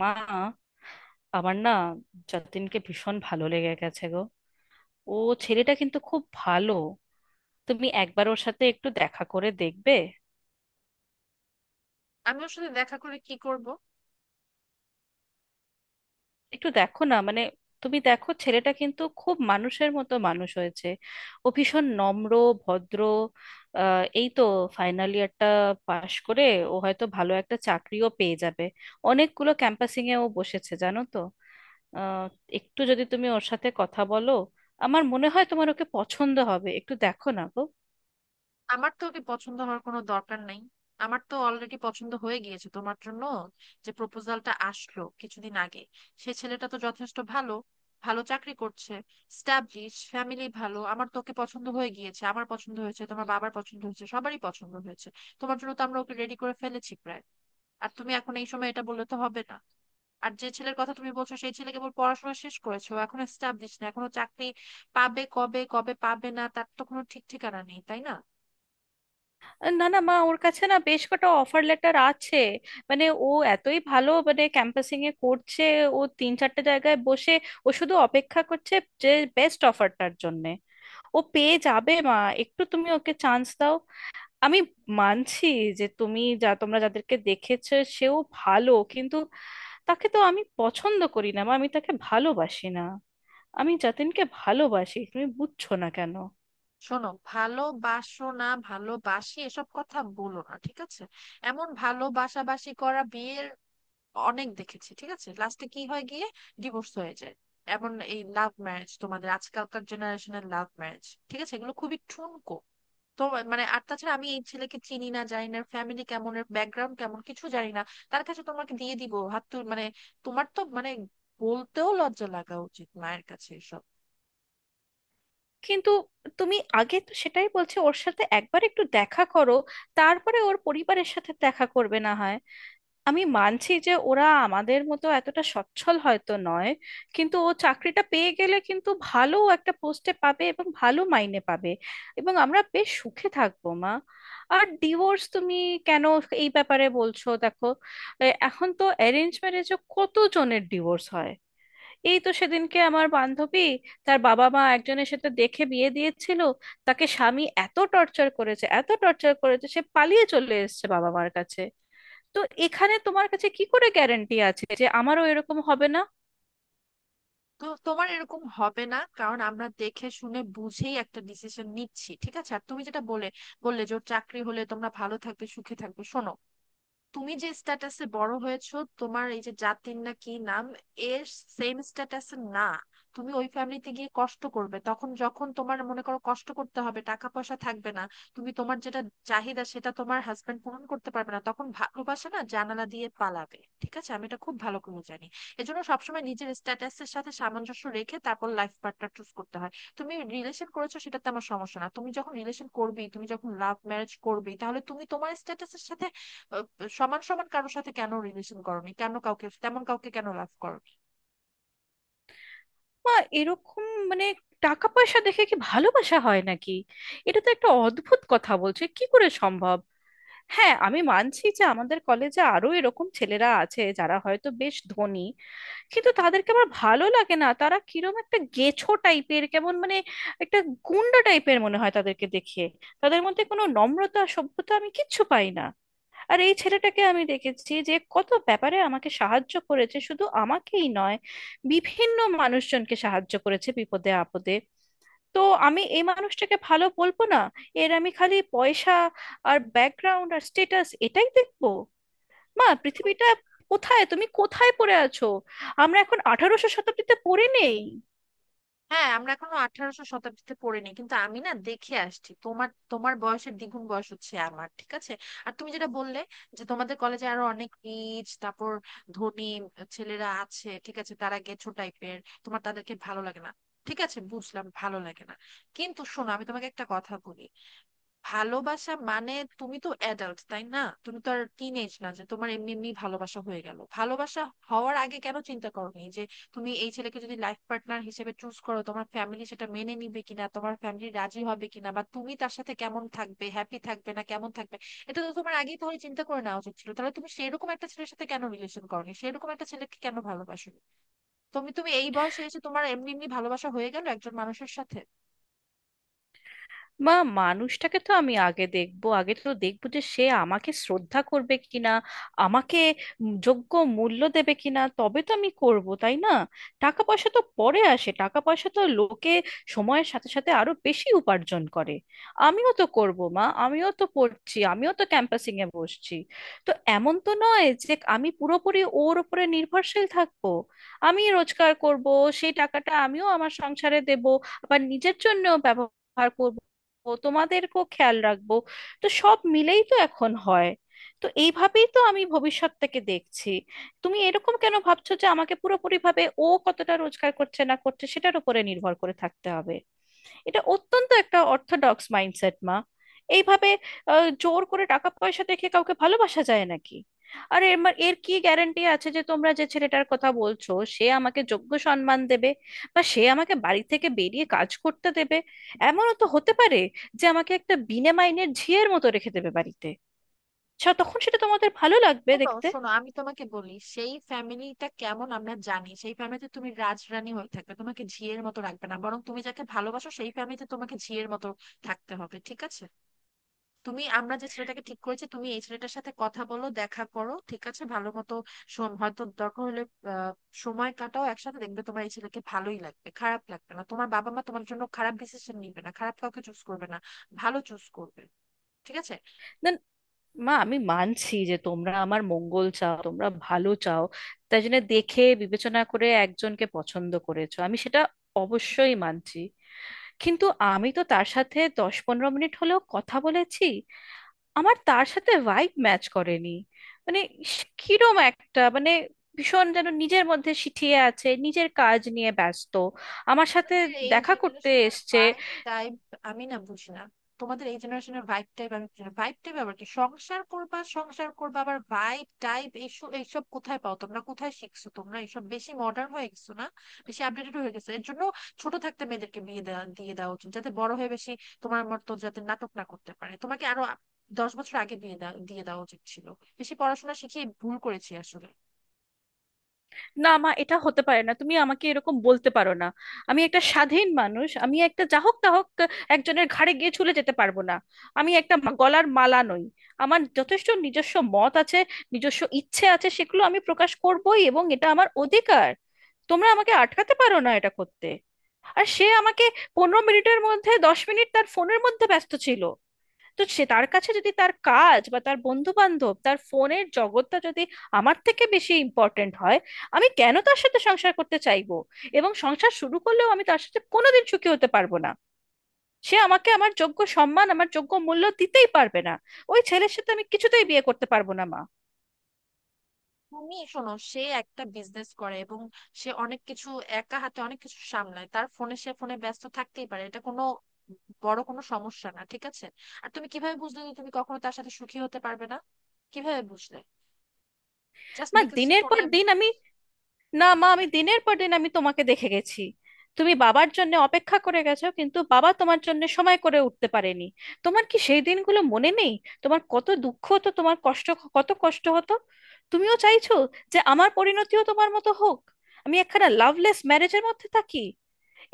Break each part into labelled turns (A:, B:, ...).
A: মা, আমার না যতীনকে ভীষণ ভালো লেগে গেছে গো। ও ছেলেটা কিন্তু খুব ভালো, তুমি একবার ওর সাথে একটু দেখা করে দেখবে?
B: আমি ওর সাথে দেখা করে কি করব?
A: একটু দেখো না, মানে তুমি দেখো, ছেলেটা কিন্তু খুব মানুষের মতো মানুষ হয়েছে। ও ভীষণ নম্র, ভদ্র। এই তো ফাইনাল ইয়ারটা পাশ করে ও হয়তো ভালো একটা চাকরিও পেয়ে যাবে। অনেকগুলো ক্যাম্পাসিং এ ও বসেছে জানো তো। আহ, একটু যদি তুমি ওর সাথে কথা বলো, আমার মনে হয় তোমার ওকে পছন্দ হবে, একটু দেখো না গো।
B: আমার তো ওকে পছন্দ হওয়ার কোনো দরকার নাই। আমার তো অলরেডি পছন্দ হয়ে গিয়েছে তোমার জন্য। যে প্রপোজালটা আসলো কিছুদিন আগে, সে ছেলেটা তো যথেষ্ট ভালো, ভালো চাকরি করছে, স্টাবলিশ ফ্যামিলি ভালো। আমার তো ওকে পছন্দ হয়ে গিয়েছে, আমার পছন্দ হয়েছে, তোমার বাবার পছন্দ হয়েছে, সবারই পছন্দ হয়েছে। তোমার জন্য তো আমরা ওকে রেডি করে ফেলেছি প্রায়। আর তুমি এখন এই সময় এটা বললে তো হবে না। আর যে ছেলের কথা তুমি বলছো, সেই ছেলে কেবল পড়াশোনা শেষ করেছে, ও এখনো এস্টাবলিশ না, এখনো চাকরি পাবে কবে, কবে পাবে না তার তো কোনো ঠিক ঠিকানা নেই, তাই না?
A: না না মা, ওর কাছে না বেশ কটা অফার লেটার আছে, মানে ও এতই ভালো, মানে ক্যাম্পাসিং এ করছে, ও 3-4টে জায়গায় বসে, ও শুধু অপেক্ষা করছে যে বেস্ট অফারটার জন্যে। ও পেয়ে যাবে মা, একটু তুমি ওকে চান্স দাও। আমি মানছি যে তুমি যা, তোমরা যাদেরকে দেখেছো সেও ভালো, কিন্তু তাকে তো আমি পছন্দ করি না মা, আমি তাকে ভালোবাসি না, আমি যতীনকে ভালোবাসি, তুমি বুঝছো না কেন?
B: শোনো, ভালোবাসো না ভালোবাসি এসব কথা বলো না, ঠিক আছে? এমন ভালোবাসাবাসি করা বিয়ের অনেক দেখেছি, ঠিক আছে? লাস্টে কি হয় গিয়ে? ডিভোর্স হয়ে যায়। এমন এই লাভ ম্যারেজ, তোমাদের আজকালকার জেনারেশনের লাভ ম্যারেজ, ঠিক আছে, এগুলো খুবই ঠুনকো। তো মানে আর তাছাড়া আমি এই ছেলেকে চিনি না, জানি না ফ্যামিলি কেমন, এর ব্যাকগ্রাউন্ড কেমন কিছু জানি না। তার কাছে তোমাকে দিয়ে দিব, হাত তুল, মানে, তোমার তো মানে বলতেও লজ্জা লাগা উচিত, মায়ের কাছে এসব।
A: কিন্তু তুমি আগে তো সেটাই বলছো, ওর সাথে একবার একটু দেখা করো, তারপরে ওর পরিবারের সাথে দেখা করবে না হয়। আমি মানছি যে ওরা আমাদের মতো এতটা সচ্ছল হয়তো নয়, কিন্তু ও চাকরিটা পেয়ে গেলে কিন্তু ভালো একটা পোস্টে পাবে এবং ভালো মাইনে পাবে, এবং আমরা বেশ সুখে থাকবো মা। আর ডিভোর্স তুমি কেন এই ব্যাপারে বলছো, দেখো এখন তো অ্যারেঞ্জ ম্যারেজও কত জনের ডিভোর্স হয়। এই তো সেদিনকে আমার বান্ধবী, তার বাবা মা একজনের সাথে দেখে বিয়ে দিয়েছিল, তাকে স্বামী এত টর্চার করেছে, এত টর্চার করেছে, সে পালিয়ে চলে এসেছে বাবা মার কাছে। তো এখানে তোমার কাছে কি করে গ্যারান্টি আছে যে আমারও এরকম হবে না?
B: তো তোমার এরকম হবে না, কারণ আমরা দেখে শুনে বুঝেই একটা ডিসিশন নিচ্ছি, ঠিক আছে? আর তুমি যেটা বললে যে ওর চাকরি হলে তোমরা ভালো থাকবে সুখে থাকবে, শোনো, তুমি যে স্ট্যাটাসে বড় হয়েছো, তোমার এই যে জাতির না কি নাম এর সেম স্ট্যাটাসে না। তুমি ওই ফ্যামিলিতে গিয়ে কষ্ট করবে তখন, যখন তোমার মনে করো কষ্ট করতে হবে, টাকা পয়সা থাকবে না, তুমি তোমার যেটা চাহিদা সেটা তোমার হাজবেন্ড পূরণ করতে পারবে না, তখন ভালোবাসা না জানালা দিয়ে পালাবে, ঠিক আছে? আমি এটা খুব ভালো করে জানি। এজন্য সবসময় নিজের স্ট্যাটাসের সাথে সামঞ্জস্য রেখে তারপর লাইফ পার্টনার চুজ করতে হয়। তুমি রিলেশন করেছো সেটাতে আমার সমস্যা না, তুমি যখন রিলেশন করবে, তুমি যখন লাভ ম্যারেজ করবে, তাহলে তুমি তোমার স্ট্যাটাসের সাথে আহ, সমান সমান কারোর সাথে কেন রিলেশন করনি? কেন কাউকে তেমন, কাউকে কেন লাভ করনি?
A: মা এরকম, মানে টাকা পয়সা দেখে কি ভালোবাসা হয় নাকি? এটা তো একটা অদ্ভুত কথা, বলছে কি করে সম্ভব! হ্যাঁ আমি মানছি যে আমাদের কলেজে আরো এরকম ছেলেরা আছে যারা হয়তো বেশ ধনী, কিন্তু তাদেরকে আমার ভালো লাগে না, তারা কিরম একটা গেছো টাইপের, কেমন মানে একটা গুন্ডা টাইপের মনে হয় তাদেরকে দেখে, তাদের মধ্যে কোনো নম্রতা সভ্যতা আমি কিচ্ছু পাই না। আর এই ছেলেটাকে আমি দেখেছি, যে কত ব্যাপারে আমাকে সাহায্য করেছে, শুধু আমাকেই নয়, বিভিন্ন মানুষজনকে সাহায্য করেছে বিপদে আপদে। তো আমি এই মানুষটাকে ভালো বলবো না? এর আমি খালি পয়সা আর ব্যাকগ্রাউন্ড আর স্টেটাস এটাই দেখবো? মা পৃথিবীটা কোথায়, তুমি কোথায় পড়ে আছো, আমরা এখন 1800 শতাব্দীতে পড়ে নেই।
B: হ্যাঁ, আমরা এখনো আঠারোশো শতাব্দীতে পড়িনি, কিন্তু আমি না দেখে আসছি, তোমার তোমার বয়সের দ্বিগুণ বয়স হচ্ছে আমার, ঠিক আছে? আর তুমি যেটা বললে যে তোমাদের কলেজে আরো অনেক রিচ, তারপর ধনী ছেলেরা আছে, ঠিক আছে, তারা গেছো টাইপের, তোমার তাদেরকে ভালো লাগে না, ঠিক আছে, বুঝলাম, ভালো লাগে না। কিন্তু শোনো, আমি তোমাকে একটা কথা বলি। ভালোবাসা মানে, তুমি তো অ্যাডাল্ট, তাই না? তুমি তো আর টিন এজ না যে তোমার এমনি এমনি ভালোবাসা হয়ে গেল। ভালোবাসা হওয়ার আগে কেন চিন্তা করোনি যে তুমি এই ছেলেকে যদি লাইফ পার্টনার হিসেবে চুজ করো, তোমার ফ্যামিলি সেটা মেনে নিবে কিনা, তোমার ফ্যামিলি রাজি হবে কিনা, বা তুমি তার সাথে কেমন থাকবে, হ্যাপি থাকবে না কেমন থাকবে? এটা তো তোমার আগেই তাহলে চিন্তা করে নেওয়া উচিত ছিল। তাহলে তুমি সেরকম একটা ছেলের সাথে কেন রিলেশন করোনি, সেরকম একটা ছেলেকে কেন ভালোবাসো? তুমি তুমি এই বয়সে এসে তোমার এমনি এমনি ভালোবাসা হয়ে গেল একজন মানুষের সাথে?
A: বা মানুষটাকে তো আমি আগে দেখবো, আগে তো দেখবো যে সে আমাকে শ্রদ্ধা করবে কিনা, আমাকে যোগ্য মূল্য দেবে কিনা, তবে তো আমি করব তাই না? টাকা পয়সা তো পরে আসে, টাকা পয়সা তো লোকে সময়ের সাথে সাথে আরো বেশি উপার্জন করে। আমিও তো করব মা, আমিও তো পড়ছি, আমিও তো ক্যাম্পাসিং এ বসছি। তো এমন তো নয় যে আমি পুরোপুরি ওর উপরে নির্ভরশীল থাকবো। আমি রোজগার করব, সেই টাকাটা আমিও আমার সংসারে দেব, আবার নিজের জন্য ব্যবহার করব, তোমাদেরকেও খেয়াল রাখবো। তো সব মিলেই তো এখন হয়, তো এইভাবেই তো আমি ভবিষ্যৎটাকে দেখছি। তুমি এরকম কেন ভাবছো যে আমাকে পুরোপুরিভাবে ও কতটা রোজগার করছে না করছে সেটার উপরে নির্ভর করে থাকতে হবে? এটা অত্যন্ত একটা অর্থোডক্স মাইন্ডসেট মা। এইভাবে জোর করে টাকা পয়সা দেখে কাউকে ভালোবাসা যায় নাকি? আর এর এর কি গ্যারান্টি আছে যে তোমরা যে ছেলেটার কথা বলছো সে আমাকে যোগ্য সম্মান দেবে, বা সে আমাকে বাড়ি থেকে বেরিয়ে কাজ করতে দেবে? এমনও তো হতে পারে যে আমাকে একটা বিনা মাইনের ঝিয়ের মতো রেখে দেবে বাড়িতে, তখন সেটা তোমাদের ভালো লাগবে
B: শোনো
A: দেখতে?
B: শোনো, আমি তোমাকে বলি সেই ফ্যামিলিটা কেমন আমরা জানি। সেই ফ্যামিলিতে তুমি রাজরানী হয়ে থাকবে, তোমাকে ঝিয়ের মতো রাখবে না। বরং তুমি যাকে ভালোবাসো সেই ফ্যামিলিতে তোমাকে ঝিয়ের মতো থাকতে হবে, ঠিক আছে? তুমি আমরা যে ছেলেটাকে ঠিক করেছি, তুমি এই ছেলেটার সাথে কথা বলো, দেখা করো, ঠিক আছে, ভালো মতো হয়তো দরকার হলে আহ, সময় কাটাও একসাথে, দেখবে তোমার এই ছেলেকে ভালোই লাগবে, খারাপ লাগবে না। তোমার বাবা মা তোমার জন্য খারাপ ডিসিশন নিবে না, খারাপ কাউকে চুজ করবে না, ভালো চুজ করবে, ঠিক আছে?
A: মা আমি মানছি যে তোমরা আমার মঙ্গল চাও, তোমরা ভালো চাও, তাই জন্য দেখে বিবেচনা করে একজনকে পছন্দ করেছো, আমি সেটা অবশ্যই মানছি। কিন্তু আমি তো তার সাথে 10-15 মিনিট হলেও কথা বলেছি, আমার তার সাথে ভাইব ম্যাচ করেনি। মানে সে কিরম একটা, মানে ভীষণ যেন নিজের মধ্যে সিঁটিয়ে আছে, নিজের কাজ নিয়ে ব্যস্ত। আমার সাথে
B: তোমাদের এই
A: দেখা করতে
B: জেনারেশনের
A: এসছে।
B: ভাইব টাইপ আমি না বুঝি না। তোমাদের এই জেনারেশনের ভাইব টাইপ আমি বুঝি না। ভাইব টাইপ আবার কি? সংসার করবা, সংসার করবা আবার ভাইব টাইপ, এইসব এইসব কোথায় পাও তোমরা, কোথায় শিখছো তোমরা, এইসব বেশি মডার্ন হয়ে গেছো না, বেশি আপডেটেড হয়ে গেছে। এর জন্য ছোট থাকতে মেয়েদেরকে বিয়ে দেওয়া, দিয়ে দেওয়া উচিত, যাতে বড় হয়ে বেশি তোমার মতো যাতে নাটক না করতে পারে। তোমাকে আরো 10 বছর আগে দিয়ে দেওয়া উচিত ছিল। বেশি পড়াশোনা শিখিয়ে ভুল করেছি আসলে।
A: না মা, এটা হতে পারে না, তুমি আমাকে এরকম বলতে পারো না। আমি একটা স্বাধীন মানুষ, আমি একটা যা হোক তা হোক একজনের ঘাড়ে গিয়ে ঝুলে যেতে পারবো না, আমি একটা গলার মালা নই। আমার যথেষ্ট নিজস্ব মত আছে, নিজস্ব ইচ্ছে আছে, সেগুলো আমি প্রকাশ করবোই, এবং এটা আমার অধিকার, তোমরা আমাকে আটকাতে পারো না এটা করতে। আর সে আমাকে 15 মিনিটের মধ্যে 10 মিনিট তার ফোনের মধ্যে ব্যস্ত ছিল। তো সে, তার কাছে যদি তার কাজ বা তার বন্ধু বান্ধব, তার ফোনের জগৎটা যদি আমার থেকে বেশি ইম্পর্ট্যান্ট হয়, আমি কেন তার সাথে সংসার করতে চাইবো? এবং সংসার শুরু করলেও আমি তার সাথে কোনোদিন সুখী হতে পারবো না, সে আমাকে আমার যোগ্য সম্মান, আমার যোগ্য মূল্য দিতেই পারবে না। ওই ছেলের সাথে আমি কিছুতেই বিয়ে করতে পারবো না মা।
B: তুমি শোনো, সে একটা বিজনেস করে, এবং সে অনেক কিছু, একা হাতে অনেক কিছু সামলায়। তার ফোনে, সে ফোনে ব্যস্ত থাকতেই পারে, এটা কোনো বড় কোনো সমস্যা না, ঠিক আছে? আর তুমি কিভাবে বুঝলে যে তুমি কখনো তার সাথে সুখী হতে পারবে না, কিভাবে বুঝলে? জাস্ট
A: মা
B: বিকজ সে
A: দিনের পর
B: ফোনে?
A: দিন আমি, না মা আমি দিনের পর দিন আমি তোমাকে দেখে গেছি, তুমি বাবার জন্য অপেক্ষা করে গেছো, কিন্তু বাবা তোমার জন্য সময় করে উঠতে পারেনি। তোমার কি সেই দিনগুলো মনে নেই? তোমার কত দুঃখ হতো, তোমার কষ্ট, কত কষ্ট হতো। তুমিও চাইছো যে আমার পরিণতিও তোমার মতো হোক, আমি একখানা লাভলেস ম্যারেজের মধ্যে থাকি?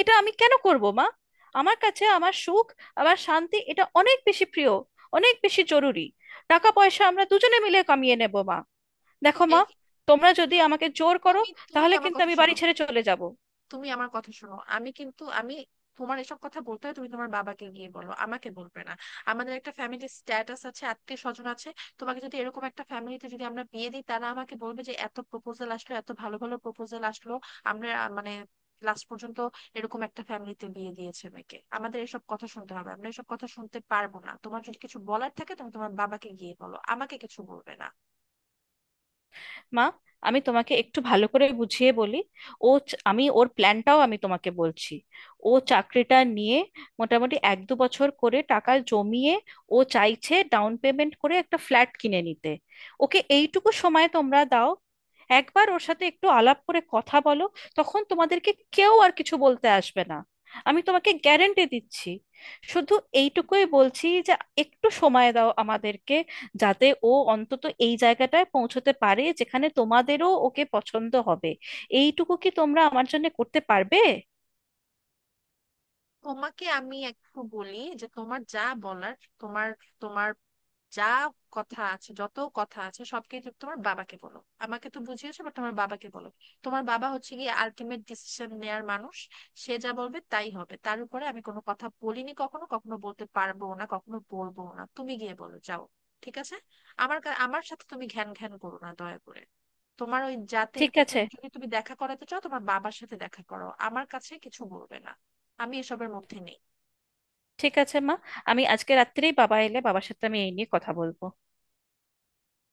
A: এটা আমি কেন করব মা? আমার কাছে আমার সুখ, আমার শান্তি, এটা অনেক বেশি প্রিয়, অনেক বেশি জরুরি। টাকা পয়সা আমরা দুজনে মিলে কামিয়ে নেব মা। দেখো
B: এই,
A: মা, তোমরা যদি
B: চুপ,
A: আমাকে জোর করো,
B: তুমি তুমি
A: তাহলে
B: আমার
A: কিন্তু
B: কথা
A: আমি
B: শোনো,
A: বাড়ি ছেড়ে চলে যাব।
B: তুমি আমার কথা শোনো। আমি কিন্তু আমি, তোমার এসব কথা বলতে হয় তুমি তোমার বাবাকে গিয়ে বলো, আমাকে বলবে না। আমাদের একটা ফ্যামিলির স্ট্যাটাস আছে, আত্মীয় স্বজন আছে। তোমাকে যদি এরকম একটা ফ্যামিলিতে যদি আমরা বিয়ে দিই, তারা আমাকে বলবে যে এত প্রপোজাল আসলো, এত ভালো ভালো প্রপোজাল আসলো, আমরা মানে লাস্ট পর্যন্ত এরকম একটা ফ্যামিলিতে বিয়ে দিয়েছে মেয়েকে, আমাদের এসব কথা শুনতে হবে, আমরা এসব কথা শুনতে পারবো না। তোমার যদি কিছু বলার থাকে তুমি তোমার বাবাকে গিয়ে বলো, আমাকে কিছু বলবে না।
A: মা আমি তোমাকে একটু ভালো করে বুঝিয়ে বলি। আমি ওর প্ল্যানটাও আমি তোমাকে বলছি। ও চাকরিটা নিয়ে মোটামুটি 1-2 বছর করে টাকা জমিয়ে ও চাইছে ডাউন পেমেন্ট করে একটা ফ্ল্যাট কিনে নিতে। ওকে এইটুকু সময় তোমরা দাও, একবার ওর সাথে একটু আলাপ করে কথা বলো, তখন তোমাদেরকে কেউ আর কিছু বলতে আসবে না, আমি তোমাকে গ্যারেন্টি দিচ্ছি। শুধু এইটুকুই বলছি যে একটু সময় দাও আমাদেরকে, যাতে ও অন্তত এই জায়গাটায় পৌঁছতে পারে যেখানে তোমাদেরও ওকে পছন্দ হবে। এইটুকু কি তোমরা আমার জন্য করতে পারবে?
B: তোমাকে আমি একটু বলি যে তোমার যা বলার, তোমার তোমার যা কথা আছে, যত কথা আছে সবকিছু তোমার বাবাকে বলো। আমাকে তো বুঝিয়েছো, বাট তোমার বাবাকে বলো। তোমার বাবা হচ্ছে গিয়ে আলটিমেট ডিসিশন নেয়ার মানুষ, সে যা বলবে তাই হবে, তার উপরে আমি কোনো কথা বলিনি কখনো, কখনো বলতে পারবো না, কখনো বলবো না। তুমি গিয়ে বলো, যাও, ঠিক আছে? আমার সাথে তুমি ঘ্যান ঘ্যান করো না, দয়া করে। তোমার ওই
A: ঠিক
B: জাতিনকে
A: আছে,
B: যদি তুমি দেখা করাতে চাও, তোমার বাবার সাথে দেখা করো, আমার কাছে কিছু বলবে না। আমি এসবের মধ্যে নেই।
A: ঠিক আছে মা, আমি আজকে রাত্রেই বাবা এলে বাবার সাথে আমি এই নিয়ে কথা বলবো।